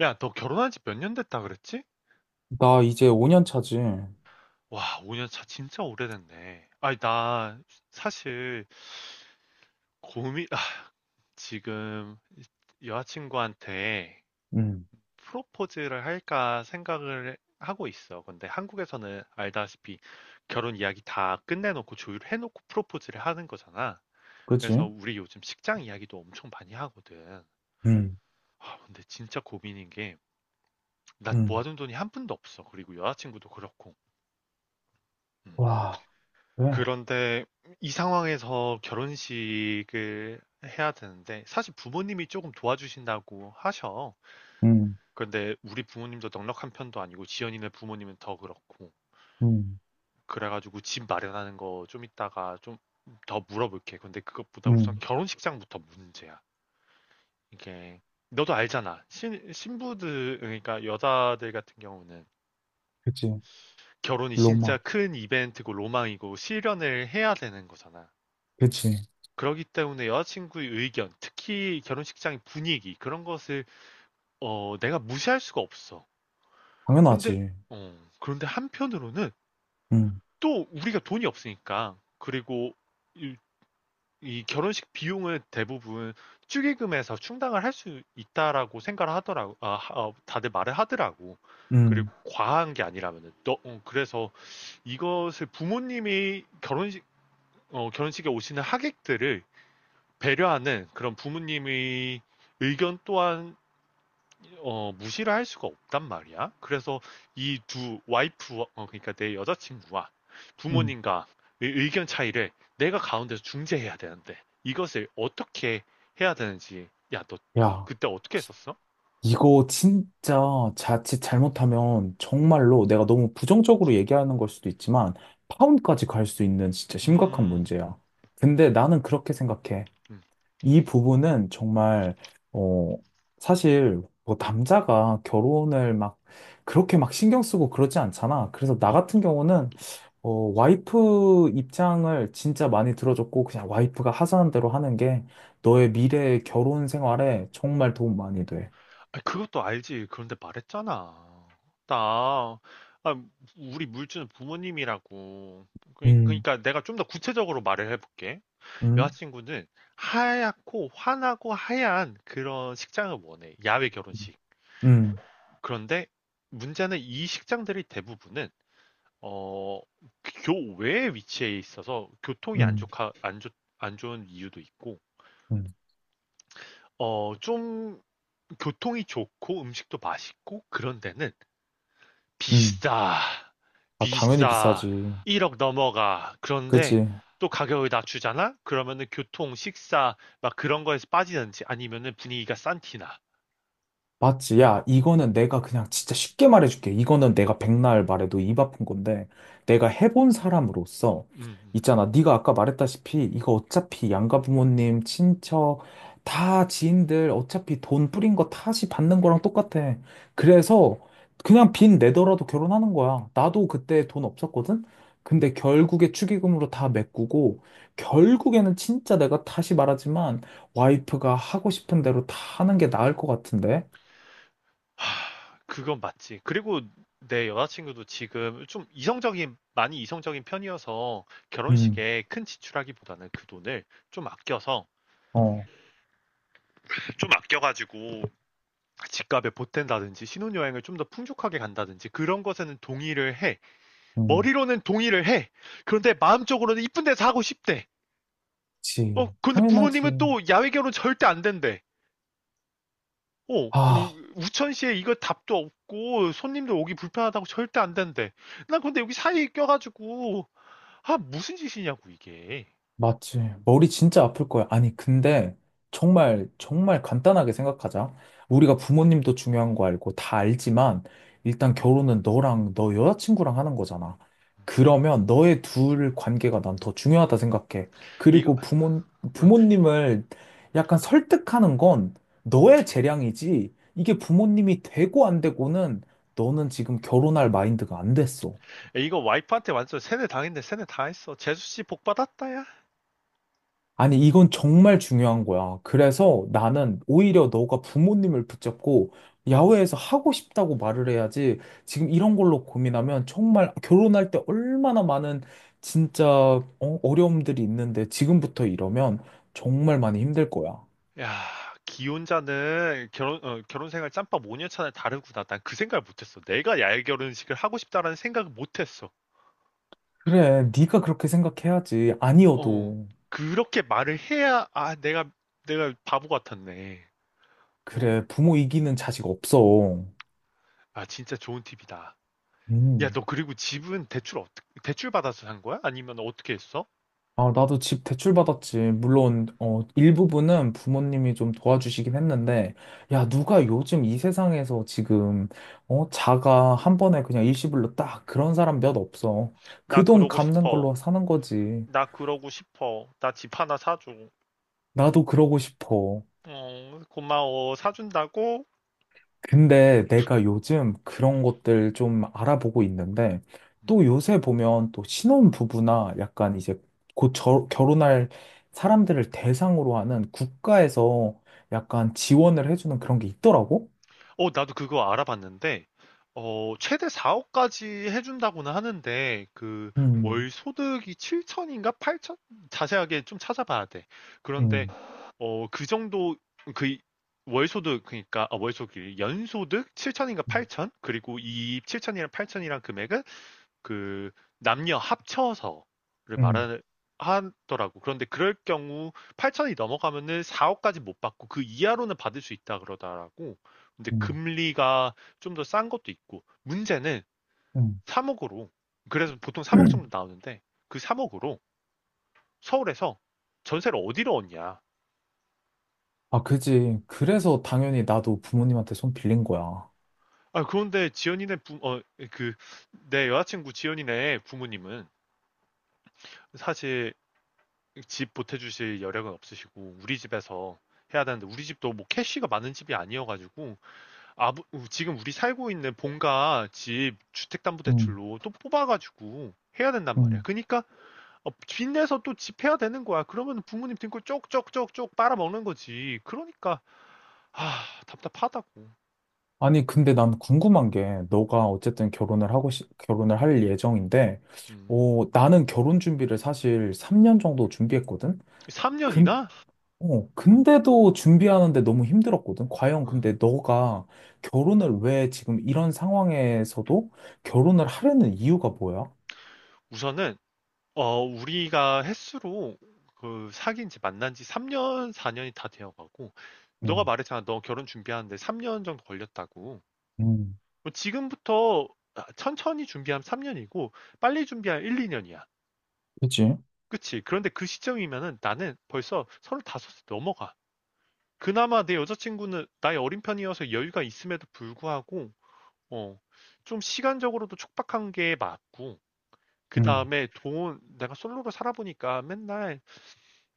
야, 너 결혼한 지 몇 년 됐다 그랬지? 나 이제 5년 차지. 와, 5년 차 진짜 오래됐네. 아니, 나 사실 고민, 지금 여자친구한테 음, 프로포즈를 할까 생각을 하고 있어. 근데 한국에서는 알다시피 결혼 이야기 다 끝내놓고 조율 해놓고 프로포즈를 하는 거잖아. 그래서 그치? 우리 요즘 식장 이야기도 엄청 많이 하거든. 음, 아, 근데 진짜 고민인 게, 나 음, 모아둔 돈이 한 푼도 없어. 그리고 여자친구도 그렇고. 음. 와, 그래. 그런데 이 상황에서 결혼식을 해야 되는데 사실 부모님이 조금 도와주신다고 하셔. 음, 근데 우리 부모님도 넉넉한 편도 아니고 지연이네 부모님은 더 그렇고. 음, 그래가지고 집 마련하는 거 좀 이따가 좀 더 물어볼게. 근데 그것보다 우선 음. 결혼식장부터 문제야. 이게 너도 알잖아. 신부들 그러니까 여자들 같은 경우는 그치. 결혼이 로마. 진짜 큰 이벤트고 로망이고 실현을 해야 되는 거잖아. 그치. 그러기 때문에 여자친구의 의견, 특히 결혼식장의 분위기 그런 것을 내가 무시할 수가 없어. 근데 당연하지. 그런데 한편으로는 음, 또 우리가 돈이 없으니까, 그리고 이, 이 결혼식 비용을 대부분 축의금에서 충당을 할 수 있다라고 생각을 하더라고. 다들 말을 하더라고. 그리고 음, 과한 게 아니라면은 너 그래서 이것을 부모님이 결혼식에 오시는 하객들을 배려하는 그런 부모님의 의견 또한 무시를 할 수가 없단 말이야. 그래서 이 두 와이프, 그러니까 내 여자친구와 음. 부모님과 의 의견 차이를 내가 가운데서 중재해야 되는데 이것을 어떻게 해야 되는지. 야, 너 야, 그때 어떻게 했었어? 이거 진짜 자칫 잘못하면 정말로 내가 너무 부정적으로 얘기하는 걸 수도 있지만 파혼까지 갈 수 있는 진짜 심각한 음, 문제야. 근데 나는 그렇게 생각해. 음. 이 부분은 정말, 어, 사실, 뭐, 남자가 결혼을 막, 그렇게 막 신경 쓰고 그러지 않잖아. 그래서 나 같은 경우는, 어, 와이프 입장을 진짜 많이 들어줬고, 그냥 와이프가 하자는 대로 하는 게, 너의 미래 결혼 생활에 정말 도움 많이 돼. 아, 그것도 알지. 그런데 말했잖아. 나, 아, 우리 물주는 부모님이라고. 음. 그러니까 내가 좀 더 구체적으로 말을 해볼게. 응? 여자친구는 하얗고 환하고 하얀 그런 식장을 원해. 야외 결혼식. 응, 그런데 문제는 이 식장들이 대부분은 어, 교외에 위치해 있어서 교통이 안 응, 좋가 안 좋, 안 좋은 이유도 있고 응, 좀 교통이 좋고 음식도 맛있고 그런 데는 응. 비싸, 아, 당연히 비싸. 비싸지. 1억 넘어가. 그런데 그치? 또 가격을 낮추잖아? 그러면은 교통, 식사, 막 그런 거에서 빠지는지 아니면은 분위기가 싼 티나. 맞지? 야, 어, 이거는 내가 그냥 진짜 쉽게 말해줄게. 이거는 내가 백날 말해도 입 아픈 건데, 내가 해본 사람으로서, 음, 음. 있잖아. 네가 아까 말했다시피, 이거 어차피 양가 부모님, 친척, 다 지인들, 어차피 돈 뿌린 거 다시 받는 거랑 똑같아. 그래서 그냥 빚 내더라도 결혼하는 거야. 나도 그때 돈 없었거든? 근데 결국에 축의금으로 다 메꾸고, 결국에는 진짜 내가 다시 말하지만, 와이프가 하고 싶은 대로 다 하는 게 나을 것 같은데? 그건 맞지. 그리고 내 여자친구도 지금 좀 이성적인, 많이 이성적인 편이어서 음, 결혼식에 큰 지출하기보다는 그 돈을 좀 아껴서, 어, 좀 아껴가지고 집값에 보탠다든지 신혼여행을 좀 더 풍족하게 간다든지 그런 것에는 동의를 해. 음, 머리로는 동의를 해. 그런데 마음적으로는 이쁜 데서 하고 싶대. 그치. 근데 당연하지. 부모님은 또 야외 결혼 절대 안 된대. 아, 천시에 이거 답도 없고 손님들 오기 불편하다고 절대 안 된대. 난 근데 여기 사이에 껴가지고 아, 무슨 짓이냐고 이게. 맞지. 머리 진짜 아플 거야. 아니, 근데 정말, 정말 간단하게 생각하자. 우리가 부모님도 중요한 거 알고 다 알지만, 일단 결혼은 너랑 너 여자친구랑 하는 거잖아. 그러면 너의 둘 관계가 난 더 중요하다 생각해. 이거 그리고 부모, 부모님을 약간 설득하는 건 너의 재량이지. 이게 부모님이 되고 안 되고는 너는 지금 결혼할 마인드가 안 됐어. 이거 와이프한테 완전 세뇌 당했네, 세뇌 당했어. 재수 씨 복 받았다야. 야, 아니, 이건 정말 중요한 거야. 그래서 나는 오히려 너가 부모님을 붙잡고 야외에서 하고 싶다고 말을 해야지 지금 이런 걸로 고민하면 정말 결혼할 때 얼마나 많은 진짜 어? 어려움들이 있는데 지금부터 이러면 정말 많이 힘들 거야. 야, 기혼자는 결혼 생활 짬밥 5년 차는 다르구나. 난 그 생각을 못했어. 내가 야외 결혼식을 하고 싶다라는 생각을 못했어. 그래, 네가 그렇게 생각해야지. 어, 아니어도. 그렇게 말을 해야, 내가 바보 같았네. 어? 그래, 부모 이기는 자식 없어. 아, 진짜 좋은 팁이다. 야, 음. 너 그리고 집은 대출 받아서 산 거야? 아니면 어떻게 했어? 아, 나도 집 대출받았지. 물론, 일부분은 부모님이 좀 도와주시긴 했는데, 야, 누가 요즘 이 세상에서 지금, 자가 한 번에 그냥 일시불로 딱 그런 사람 몇 없어. 나 그 돈 그러고 갚는 싶어. 걸로 사는 거지. 나 그러고 싶어. 나 집 하나 사줘. 나도 그러고 싶어. 고마워. 사준다고? 근데 내가 요즘 그런 것들 좀 알아보고 있는데 음. 또 요새 보면 또 신혼 부부나 약간 이제 곧 결혼할 사람들을 대상으로 하는 국가에서 약간 지원을 해주는 그런 게 있더라고. 나도 그거 알아봤는데, 최대 4억까지 해준다고는 하는데, 월 음, 소득이 7천인가 8천? 자세하게 좀 찾아봐야 돼. 그런데 음, 어, 그 정도, 그, 그니까, 연소득 7천인가 음, 8천? 그리고 이 7천이랑 8천이랑 금액은 그, 남녀 합쳐서를 음, 말하, 하더라고. 그런데 그럴 경우 8천이 넘어가면은 4억까지 못 받고 그 이하로는 받을 수 있다 그러더라고. 근데 음, 금리가 좀 더 싼 것도 있고, 문제는 음, 3억으로, 그래서 보통 3억 정도 나오는데, 그 3억으로 서울에서 전세를 어디로 얻냐. 아, 그지. 그래서 당연히 나도 부모님한테 손 빌린 거야. 아, 그런데 지연이네 부, 어, 그, 내 여자친구 지연이네 부모님은 사실 집 보태주실 여력은 없으시고, 우리 집에서 해야 되는데, 우리 집도 뭐 캐시가 많은 집이 아니어가지고, 아부, 지금 우리 살고 있는 본가 집 음. 주택담보대출로 또 뽑아가지고 해야 된단 말이야. 음. 그러니까, 빚내서 또 집 해야 되는 거야. 그러면 부모님 등골 쪽쪽쪽쪽 빨아먹는 거지. 그러니까, 아, 답답하다고. 아니, 근데 난 궁금한 게, 너가 어쨌든 결혼을 하고, 시, 결혼을 할 예정인데, 음. 나는 결혼 준비를 사실 3년 정도 준비했거든? 근, 3년이나? 근데도 준비하는데 너무 힘들었거든? 과연 근데 너가 결혼을 왜 지금 이런 상황에서도 결혼을 하려는 이유가 뭐야? 우선은, 우리가 횟수로 그 사귄 지 만난 지 3년, 4년이 다 되어 가고, 너가 음, 말했잖아. 너 결혼 준비하는데 3년 정도 걸렸다고. 음, 뭐 지금부터 천천히 준비하면 3년이고, 빨리 준비하면 1, 2년이야. 그치? 그치? 그런데 그 시점이면은 나는 벌써 35세 넘어가. 그나마 내 여자친구는 나이 어린 편이어서 여유가 있음에도 불구하고, 어, 좀 시간적으로도 촉박한 게 맞고, 그 음, 다음에 돈, 내가 솔로로 살아보니까 맨날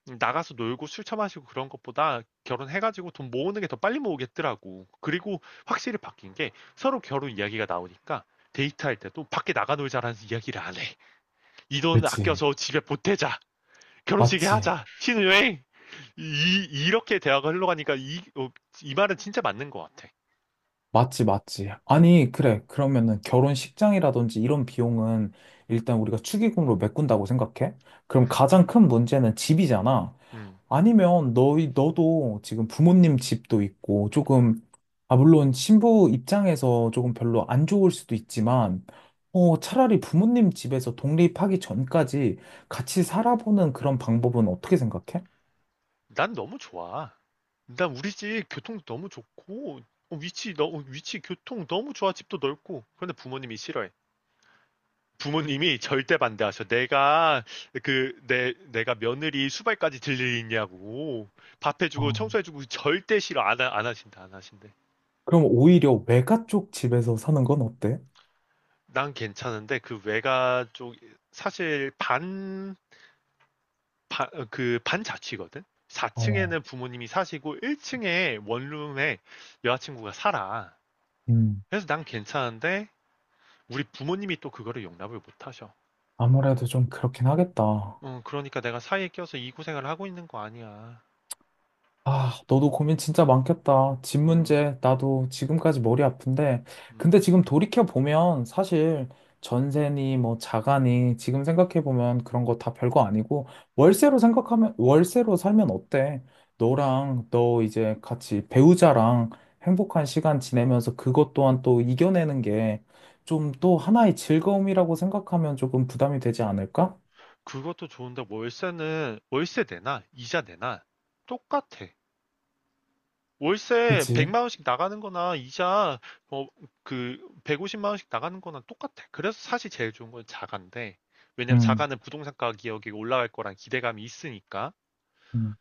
나가서 놀고 술 처마시고 그런 것보다 결혼해 가지고 돈 모으는 게 더 빨리 모으겠더라고. 그리고 확실히 바뀐 게 서로 결혼 이야기가 나오니까 데이트할 때도 "밖에 나가 놀자."라는 이야기를 안 해. "이 돈 그치. 아껴서 집에 보태자. 결혼식에 맞지. 하자. 신혼여행." 이 이렇게 대화가 흘러가니까 이 말은 진짜 맞는 것 같아. 맞지, 맞지. 아니, 그래. 그러면은 결혼식장이라든지 이런 비용은 일단 우리가 축의금으로 메꾼다고 생각해? 그럼 음. 가장 큰 문제는 집이잖아. 음. 아니면 너도 지금 부모님 집도 있고 조금, 아, 물론 신부 입장에서 조금 별로 안 좋을 수도 있지만, 차라리 부모님 집에서 독립하기 전까지 같이 살아보는 그런 방법은 어떻게 생각해? 난 너무 좋아. 난 우리 집 교통도 너무 좋고 위치 교통 너무 좋아. 집도 넓고. 그런데 부모님이 싫어해. 부모님이 절대 반대하셔. 내가 그 내 내가 며느리 수발까지 들리냐고 밥 해주고 어, 청소해주고 절대 싫어, 안 하신다 안 하신대. 그럼 오히려 외가 쪽 집에서 사는 건 어때? 난 괜찮은데 그 외가 쪽 사실 반반그 반자취거든. 어. 4층에는 부모님이 사시고 1층에 원룸에 여자친구가 살아. 음. 그래서 난 괜찮은데 우리 부모님이 또 그거를 용납을 못 하셔. 아무래도 좀 그렇긴 하겠다. 그러니까 내가 사이에 껴서 이 고생을 하고 있는 거 아니야. 아, 너도 고민 진짜 많겠다. 집 음, 문제, 나도 지금까지 머리 아픈데. 음, 근데 지금 돌이켜보면 사실 전세니 뭐 자가니 지금 생각해보면 그런 거 다 별거 아니고 월세로 생각하면, 월세로 살면 어때? 너랑 너 이제 같이 음. 배우자랑 행복한 시간 지내면서 그것 또한 또 이겨내는 게 좀 또 하나의 즐거움이라고 생각하면 조금 부담이 되지 않을까? 그것도 좋은데 월세는 월세 내나 이자 내나 똑같아. 월세 그치? 100만 원씩 나가는 거나 이자 뭐그 150만 원씩 나가는 거나 똑같아. 그래서 사실 제일 좋은 건 자가인데 왜냐면 음. 자가는 부동산 가격이 올라갈 거란 기대감이 있으니까. 음.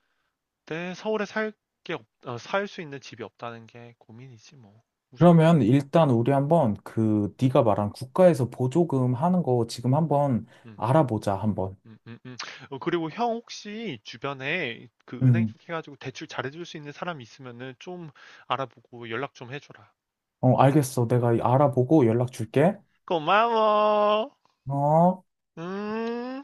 근데 서울에 살게 살 수 있는 집이 없다는 게 고민이지 뭐. 우선은 그러면 일단 음, 우리 한번 그 네가 말한 국가에서 보조금 하는 거 지금 한번 음. 알아보자, 한번. 음, 음, 음. 그리고 형 혹시 주변에 그 은행 음, 쪽 해가지고 대출 잘해줄 수 있는 사람 있으면은 좀 알아보고 연락 좀 해줘라. 어, 응? 알겠어. 내가 응. 알아보고 연락 줄게. 고마워. 어. 음.